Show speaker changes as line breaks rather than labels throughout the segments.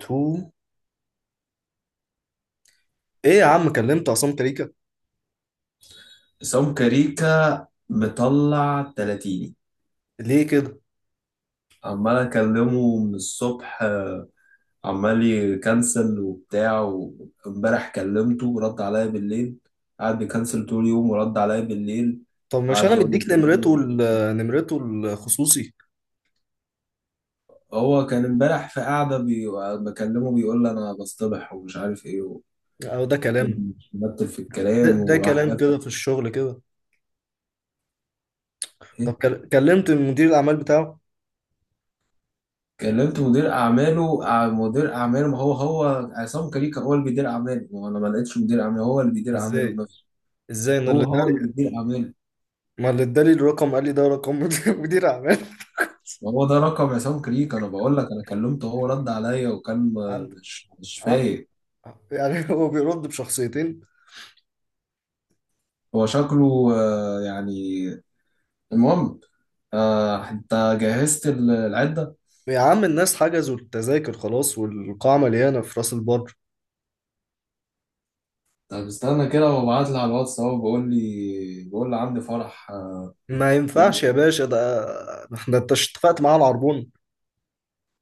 تو ايه يا عم، كلمت عصام كريكا؟
عصام كاريكا مطلع تلاتيني.
ليه كده؟
عمال اكلمه من الصبح، عمال يكنسل وبتاع، وامبارح كلمته رد عليا بالليل. قعد يكنسل طول اليوم ورد عليا بالليل.
طب مش
قعد
انا
يقول لي
مديك
انت
نمرته
مين.
نمرته الخصوصي؟
هو كان امبارح في قعده بكلمه بيقول لي انا بصطبح ومش عارف ايه.
او ده كلام؟
وقعد يمثل في
ده,
الكلام
ده
وراح
كلام
قافل.
كده في الشغل كده؟ طب كلمت مدير الاعمال بتاعه؟
كلمت مدير اعماله مدير اعماله، ما هو هو عصام كريكا هو اللي بيدير اعماله، ما هو انا ما لقيتش مدير اعماله، هو اللي بيدير اعماله
ازاي
بنفسه.
ازاي انا
هو
اللي
هو
ادالي؟
اللي بيدير اعماله.
ما اللي ادالي الرقم قال لي ده رقم مدير اعمال.
وهو ده رقم عصام كريكا، انا بقول لك انا كلمته هو رد عليا وكان
عند
مش
ع-
فايق.
يعني هو بيرد بشخصيتين؟
هو شكله يعني. المهم انت جهزت العده.
يا عم، الناس حجزوا التذاكر خلاص والقاعة مليانة في راس البر.
طب استنى كده وابعت لي على الواتس اهو بيقول لي، بيقول لي عندي فرح
ما
يوم.
ينفعش يا باشا ده. احنا، انت اتفقت معاه على العربون.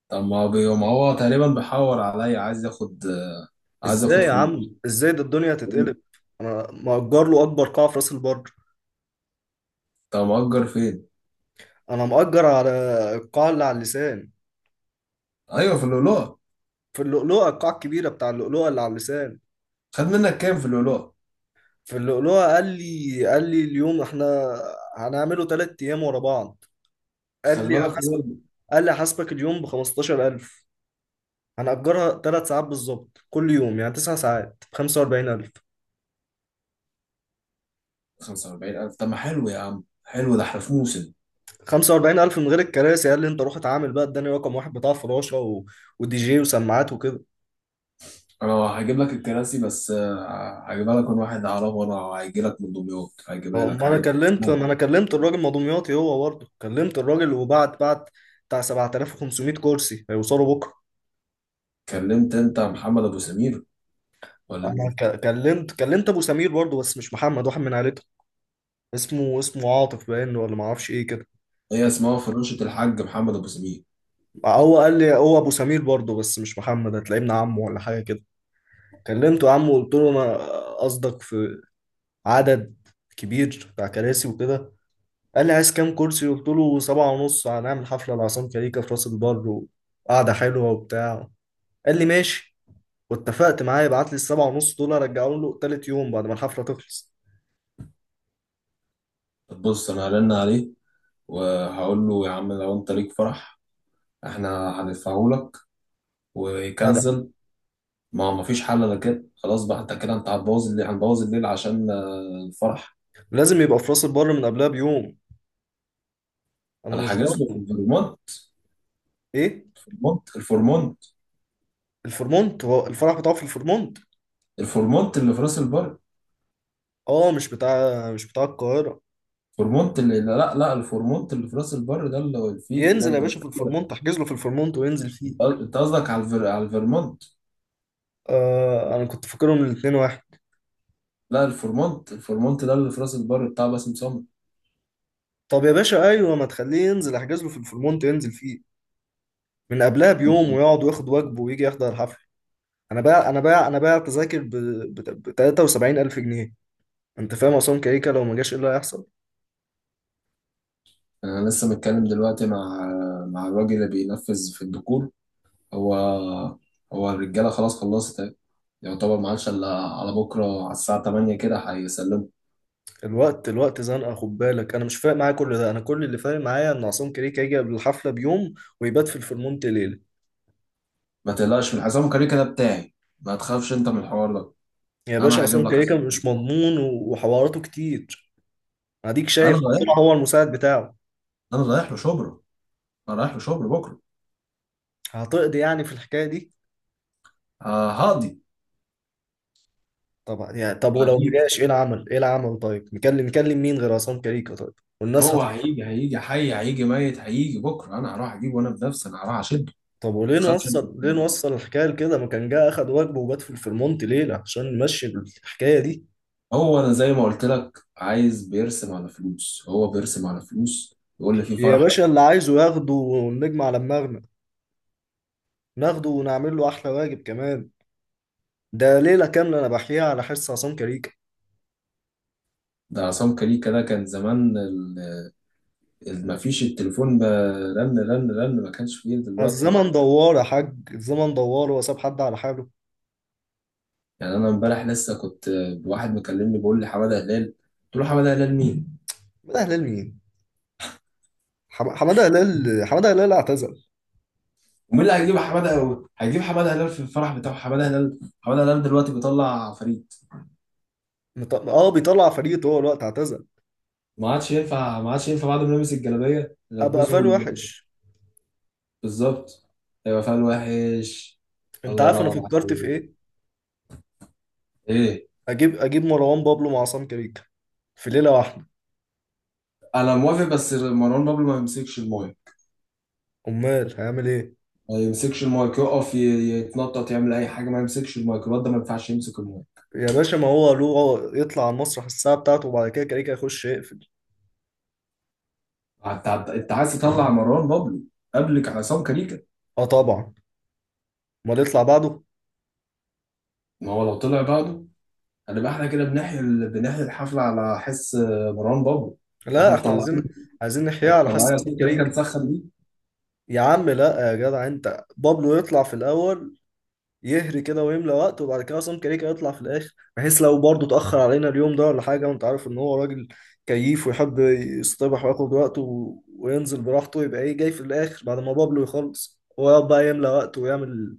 طب ما هو ما هو تقريبا بيحور عليا، عايز ياخد عايز ياخد
ازاي يا عم؟
فلوس.
ازاي؟ ده الدنيا هتتقلب. انا مأجر له اكبر قاعة في راس البر.
طب مأجر فين؟
انا مأجر على القاعة اللي على اللسان.
أيوه في اللؤلؤة.
في اللؤلؤة، القاعة الكبيرة بتاع اللؤلؤة اللي على اللسان.
خد منك كام في اللؤلؤة؟
في اللؤلؤة قال لي، اليوم احنا هنعمله 3 ايام ورا بعض. قال
خلي
لي
بالك هو
هحاسبك قال لي هحاسبك اليوم ب 15,000. هنأجرها 3 ساعات بالظبط كل يوم، يعني 9 ساعات ب 45,000.
45000. طب ما حلو يا عم، حلو ده احنا في موسم.
45,000 من غير الكراسي. قال لي: انت روح اتعامل بقى. اداني رقم واحد بتاع فراشة ودي جي وسماعات وكده.
أنا هجيب لك الكراسي، بس هجيبها لك من واحد أعرفه، وأنا هيجي لك من دمياط، هجيبها
هو
لك
ما انا
عادي.
كلمت ما
نعم.
انا كلمت الراجل مضومياطي، هو برضه كلمت الراجل وبعت بتاع 7,500 كرسي هيوصلوا بكره.
كلمت أنت محمد أبو سمير ولا
انا
مين؟
كلمت ابو سمير برضه، بس مش محمد، واحد من عيلته. اسمه عاطف باين، ولا ما اعرفش ايه كده.
هي
ك-
اسمها فراشة الحاج محمد أبو سمير.
هو قال لي هو ابو سمير برضه، بس مش محمد، هتلاقيه ابن عمه ولا حاجه كده. كلمته يا عم وقلت له: انا قصدك في عدد كبير بتاع كراسي وكده. قال لي: عايز كام كرسي؟ قلت له: سبعة ونص، هنعمل حفله لعصام كاريكا في راس البر وقعده حلوه وبتاع. قال لي: ماشي. واتفقت معاه يبعت لي السبعة ونص دول، ارجعهم له تالت يوم بعد ما الحفلة تخلص.
طب بص، أنا هرن عليه وهقول له يا عم لو أنت ليك فرح احنا هندفعه لك،
جدع.
ويكنسل. ما هو مفيش حل، انا كده خلاص بقى، انت كده انت هتبوظ الليل، هنبوظ الليل عشان الفرح.
لازم يبقى في راس البر من قبلها بيوم. انا
انا
مش
حاجز له في
ضامن.
الفورمونت،
ايه؟
الفورمونت الفورمونت.
الفورمونت؟ هو الفرح بتاعه في الفورمونت؟
الفورمونت اللي في راس البر.
اه، مش بتاع القاهرة؟
الفورمونت اللي، لا لا، الفورمونت اللي في راس البر، ده اللي فيه ده
ينزل يا باشا في الفورمونت، احجز له في الفورمونت وينزل فيه.
انت قصدك على على الفيرمونت.
آه، انا كنت فاكرهم الاتنين واحد.
لا، الفورمونت، الفورمونت ده اللي في راس البر بتاع باسم سمرة.
طب يا باشا، ايوه، ما تخليه ينزل، احجز له في الفورمونت ينزل فيه من قبلها بيوم، ويقعد وياخد واجبه ويجي يحضر الحفلة. انا باع تذاكر ب 73 الف جنيه. انت فاهم عصام كيكه لو ما جاش ايه اللي هيحصل؟
انا لسه متكلم دلوقتي مع الراجل اللي بينفذ في الديكور. هو هو الرجاله خلاص خلصت. يعتبر ما عادش الا على بكره على الساعه 8 كده هيسلموا.
الوقت الوقت زنقه، خد بالك. انا مش فارق معايا كل ده، انا كل اللي فارق معايا ان عصام كيكه يجي قبل الحفله بيوم ويبات في الفرمونت ليله.
ما تقلقش من حسام كاريكا ده بتاعي، ما تخافش انت من الحوار ده،
يا باشا،
انا هجيب
عصام
لك
كيكه
حسام
مش
كاريكا.
مضمون، و- وحواراته كتير. اديك
انا
شايف، طلع
رايح،
هو المساعد بتاعه.
انا رايح له شبرا، انا رايح له شبرا بكره.
هتقضي يعني في الحكايه دي؟
هقضي.
طب، ولو ما
هجيب
جاش ايه العمل؟ ايه العمل؟ طيب، نكلم مين غير عصام كيكه؟ طيب. والناس
هو هيجي حي هيجي ميت هيجي بكره، انا هروح اجيبه وانا بنفسي، انا هروح اشده. ما
طب، وليه
تخافش انت من
نوصل ليه
الحوار ده،
نوصل الحكايه لكده؟ ما كان جه اخد واجبه وبات في الفرمونت ليله عشان نمشي الحكايه دي.
هو انا زي ما قلت لك عايز بيرسم على فلوس، هو بيرسم على فلوس، يقول لي في
يا
فرح.
باشا، اللي عايزه ياخده ونجمع على دماغنا، ناخده ونعمل له احلى واجب كمان. ده ليله كامله انا بحكيها على حس عصام كاريكا.
ده عصام كاريكا ده كان زمان ما فيش التليفون رن رن رن، ما كانش فيه دلوقتي.
الزمن دوار يا حاج، الزمن دوار، هو ساب حد على حاله؟
يعني انا امبارح لسه كنت، واحد مكلمني بيقول لي حماده هلال. قلت له حماده هلال مين.
حماده هلال مين؟ حماده هلال اعتزل.
ومين اللي هيجيب حماده، هيجيب حماده هلال في الفرح بتاعه. حماده هلال، حماده هلال دلوقتي بيطلع فريد.
بيطلع فريق طول الوقت، اعتزل.
ما عادش ينفع، ما عادش ينفع بعد ما يلبس الجلابيه
ابقى
يلبسه
قفال وحش.
بالظبط. هيبقى فعل وحش.
انت
الله
عارف انا،
ينور
فكرت في
عليك.
ايه؟
ايه؟
اجيب مروان بابلو مع عصام كاريكا في ليله واحده.
انا موافق، بس مروان بابلو ما يمسكش المايك.
امال هيعمل ايه؟
ما يمسكش المايك، يقف يتنطط، يعمل اي حاجه، ما يمسكش المايك، الواد ده ما ينفعش يمسك المايك.
يا باشا، ما هو له يطلع على المسرح الساعه بتاعته، وبعد كده كاريكا يخش يقفل.
انت عايز تطلع مروان بابلو قبلك عصام كاريكا؟
اه، طبعا. امال يطلع بعضه؟
ما هو لو طلع بعده هنبقى احنا كده بنحيي بنحيي الحفله على حس مروان بابلو. ما
لا،
احنا
احنا
مطلعين،
عايزين نحياه
احنا
على حس
مطلعين
حسين
عصام كاريكا
كريم كده.
نسخن بيه.
يا عم لا يا جدع، انت بابلو يطلع في الاول، يهري كده ويملى وقت، وبعد كده عصام كريكا يطلع في الاخر، بحيث لو برضه اتاخر علينا اليوم ده ولا حاجه، وانت عارف ان هو راجل كييف، ويحب يصطبح وياخد وقته و- وينزل براحته، يبقى ايه؟ جاي في الاخر بعد ما بابلو يخلص، هو يقعد بقى يملى وقته ويعمل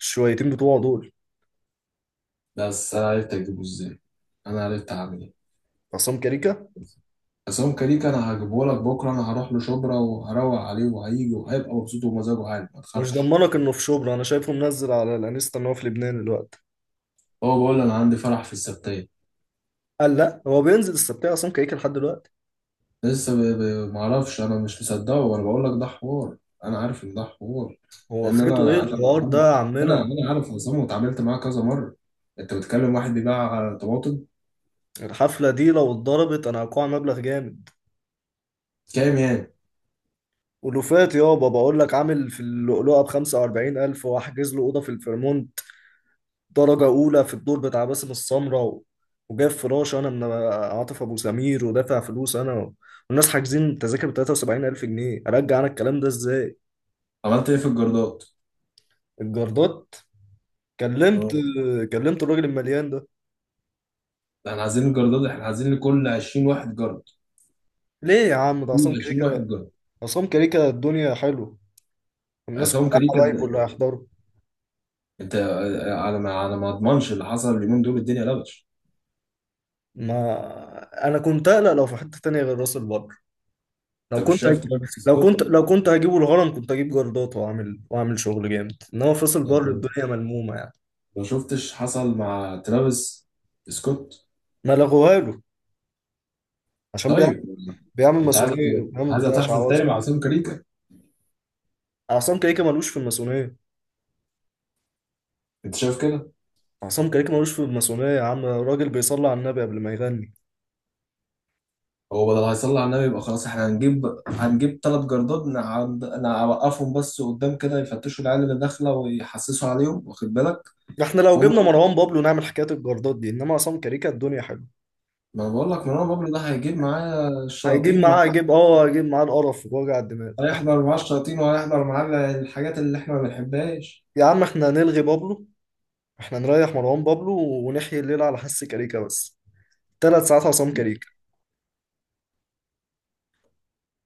الشويتين بتوعه دول.
بس انا عرفت اجيبه ازاي؟ انا عرفت اعمل ايه؟
عصام كريكا،
عصام كاريكا انا هجيبه لك بكره، انا هروح له شبرا وهروق عليه، وهيجي وهيبقى مبسوط ومزاجه عالي، ما
مش
تخافش.
ضمنك انه في شبرا، انا شايفه منزل على الانستا ان هو في لبنان دلوقتي.
هو بقول انا عندي فرح في السبتايه.
قال لا، هو بينزل السبتية عصام كيكة لحد دلوقتي؟
لسه معرفش، انا مش مصدقه، وانا بقول لك ده حوار، انا عارف ان ده حوار.
هو
لان
اخرته ايه
انا
بجد
انا
الحوار ده
بتعامل،
يا
انا
عمنا؟
انا عارف عصام واتعاملت معاه كذا مره، انت بتكلم واحد بيباع طماطم.
الحفلة دي لو اتضربت انا هقع مبلغ جامد.
كام يعني؟
ولوفات يابا، بقول لك عامل في اللؤلؤة ب45,000، وأحجز له أوضة في الفيرمونت درجة أولى في الدور بتاع باسم السمرة، وجايب فراش أنا من عاطف أبو سمير، ودافع فلوس أنا والناس حاجزين تذاكر ب 73,000 جنيه، أرجع أنا الكلام ده إزاي؟
عملت ايه في الجردات؟
الجردات. كلمت
اه.
كلمت الراجل المليان ده.
ده احنا عايزين الجردات، احنا عايزين لكل 20 واحد جرد،
ليه يا عم؟ ده عصام
كل 20 واحد
كريكة.
جرد.
عصام كريكة، الدنيا حلوة، الناس
عصام
كلها
كريم
حبايب
قد
اللي
إيه؟
هيحضروا.
انت على ما اضمنش اللي حصل اليومين دول الدنيا لبش.
ما انا كنت اقلق لو في حته تانية غير راس البر. لو
انت مش
كنت
شايف
هج...
ترافيس
لو
سكوت؟
كنت لو كنت هجيبه الهرم كنت هجيب جردات واعمل شغل جامد، انما في راس البر
يعني
الدنيا ملمومه يعني.
ما شفتش حصل مع ترافيس سكوت؟
ما لغوها له عشان بيعمل
طيب،
بيعمل
انت عايز،
ماسونيه، بيعمل بتاع
تحصل تاني
شعوذه.
مع عاصم كاريكا؟
عصام كيكه ملوش في الماسونيه.
انت شايف كده؟
عصام كيكه ملوش في الماسونيه يا عم، راجل بيصلي على النبي قبل ما يغني.
هو بدل هيصلي على النبي يبقى خلاص، احنا هنجيب، ثلاث جردات نعد... نوقفهم بس قدام كده، يفتشوا العيال اللي داخله ويحسسوا عليهم، واخد بالك؟
احنا لو
هم.
جبنا مروان بابلو نعمل حكايه الجردات دي، انما عصام كيكه الدنيا حلوه.
ما انا بقول لك مروان بابلو ده هيجيب معاه الشياطين مع...
هيجيب معاه القرف ووجع الدماغ.
هيحضر معاه الشياطين وهيحضر معاه الحاجات اللي احنا ما بنحبهاش.
يا عم احنا هنلغي بابلو، احنا نريح مروان بابلو، ونحيي الليلة على حس كاريكا بس. 3 ساعات عصام كاريكا.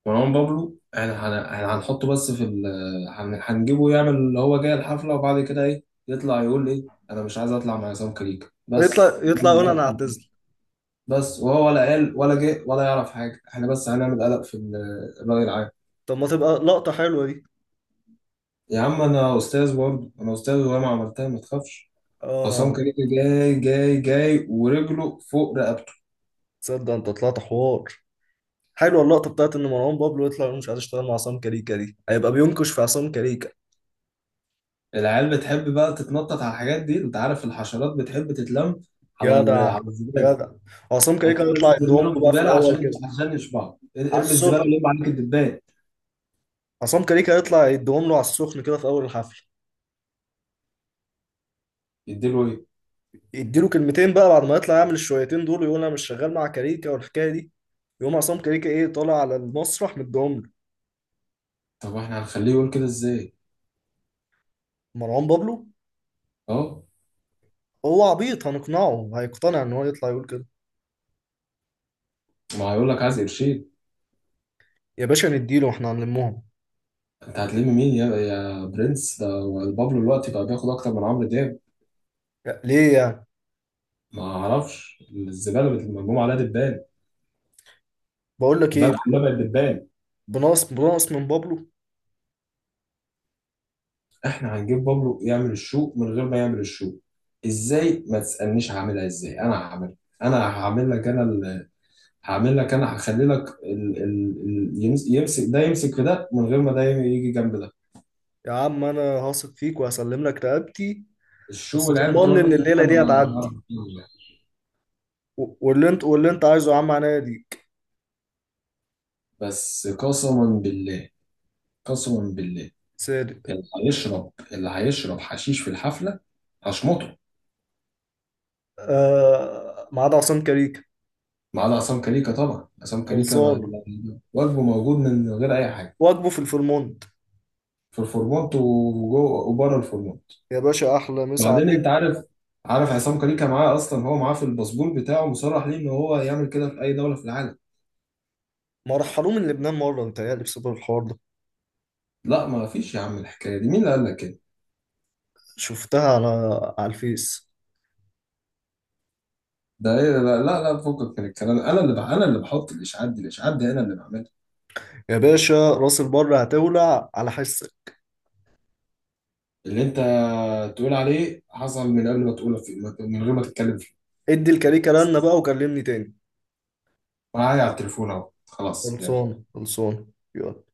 مروان بابلو، احنا احنا هنحطه بس في هنجيبه يعمل اللي هو جاي الحفلة، وبعد كده ايه يطلع يقول ايه انا مش عايز اطلع مع عصام كريك بس
يطلع
نعمل
يقول
قلق.
انا اعتزل.
بس وهو ولا قال ولا جه ولا يعرف حاجة، احنا بس هنعمل قلق في الرأي العام.
طب ما تبقى لقطة حلوة دي.
يا عم انا استاذ برضه، انا استاذ وهي ما عملتها، ما تخافش. عصام
اه،
كريك جاي جاي جاي ورجله فوق رقبته.
تصدق انت طلعت حوار؟ حلوة اللقطة بتاعت ان مروان بابلو يطلع يقول مش عايز اشتغل مع عصام كاريكا، دي هيبقى بينكش في عصام كاريكا.
العيال بتحب بقى تتنطط على الحاجات دي، انت عارف الحشرات بتحب تتلم على
جدع،
على الزبالة.
جدع. عصام كاريكا
انت
هيطلع
لازم ترمي
يدوم
لهم
له بقى في
زباله،
الاول كده.
عشان يشبعوا،
على
ارمي الزباله
السخن.
ولم عليك الدبان.
عصام كاريكا هيطلع يدوم له على السخن كده في اول الحفل.
يديله ايه؟
يديله كلمتين بقى، بعد ما يطلع يعمل الشويتين دول ويقول انا مش شغال مع كاريكا والحكايه دي، يقوم عصام كاريكا ايه؟ طالع على المسرح، مديهم له.
طب واحنا هنخليه يقول كده ازاي؟
مروان بابلو،
اه.
هو عبيط، هنقنعه هيقتنع ان هو يطلع يقول كده.
ما هيقول لك عايز قرشين.
يا باشا نديله، احنا هنلمهم.
انت هتلم مين يا برنس ده؟ بابلو دلوقتي بقى بياخد اكتر من عمرو دياب.
ليه يعني؟
ما اعرفش، الزباله مرموم عليها دبان.
بقول لك
الباب
ايه.
كلها بقت دبان.
بناقص من بابلو.
احنا هنجيب بابلو يعمل الشوق من غير ما يعمل الشوق، ازاي ما تسالنيش، هعملها ازاي انا هعملها. انا هعمل لك، انا هخلي لك يمسك ده يمسك في ده من غير ما ده يجي جنب ده.
يا عم انا هثق فيك وهسلم لك رقبتي.
الشو
بس
والعيال بتوع
طمني ان
النت دول
الليله
انا
دي هتعدي،
ما-
واللي انت عايزه يا عم عناية ليك.
بس قسما بالله، قسما بالله.
صادق.
اللي هيشرب حشيش في الحفله هشمطه.
آه، ما عدا عصام كاريكا.
ما عدا عصام كليكا، طبعا عصام كليكا
خلصان.
واجبه موجود من غير اي حاجه.
واجبه في الفرمون.
في الفورمات، وجوه وبره الفورمات.
يا باشا احلى مسا
بعدين انت
عليك.
عارف عصام كليكا معاه اصلا، هو معاه في الباسبور بتاعه مصرح ليه ان هو يعمل كده في اي دوله في العالم.
ما رحلوه من لبنان مره؟ متهيألي بسبب الحوار ده.
لا، ما فيش يا عم الحكايه دي، مين اللي قال لك كده؟
شفتها على الفيس.
ده ايه؟ لا لا لا، فكك من الكلام، انا اللي انا اللي بحط الاشعاعات دي، الاشعاعات دي انا اللي بعملها.
يا باشا راس البر هتولع على حسك.
اللي انت تقول عليه حصل من قبل ما تقوله من غير ما تتكلم فيه.
ادي الكاريكا
بس
لنا بقى وكلمني تاني.
معايا على التليفون اهو خلاص يعني.
خلصان، خلصان. يلا.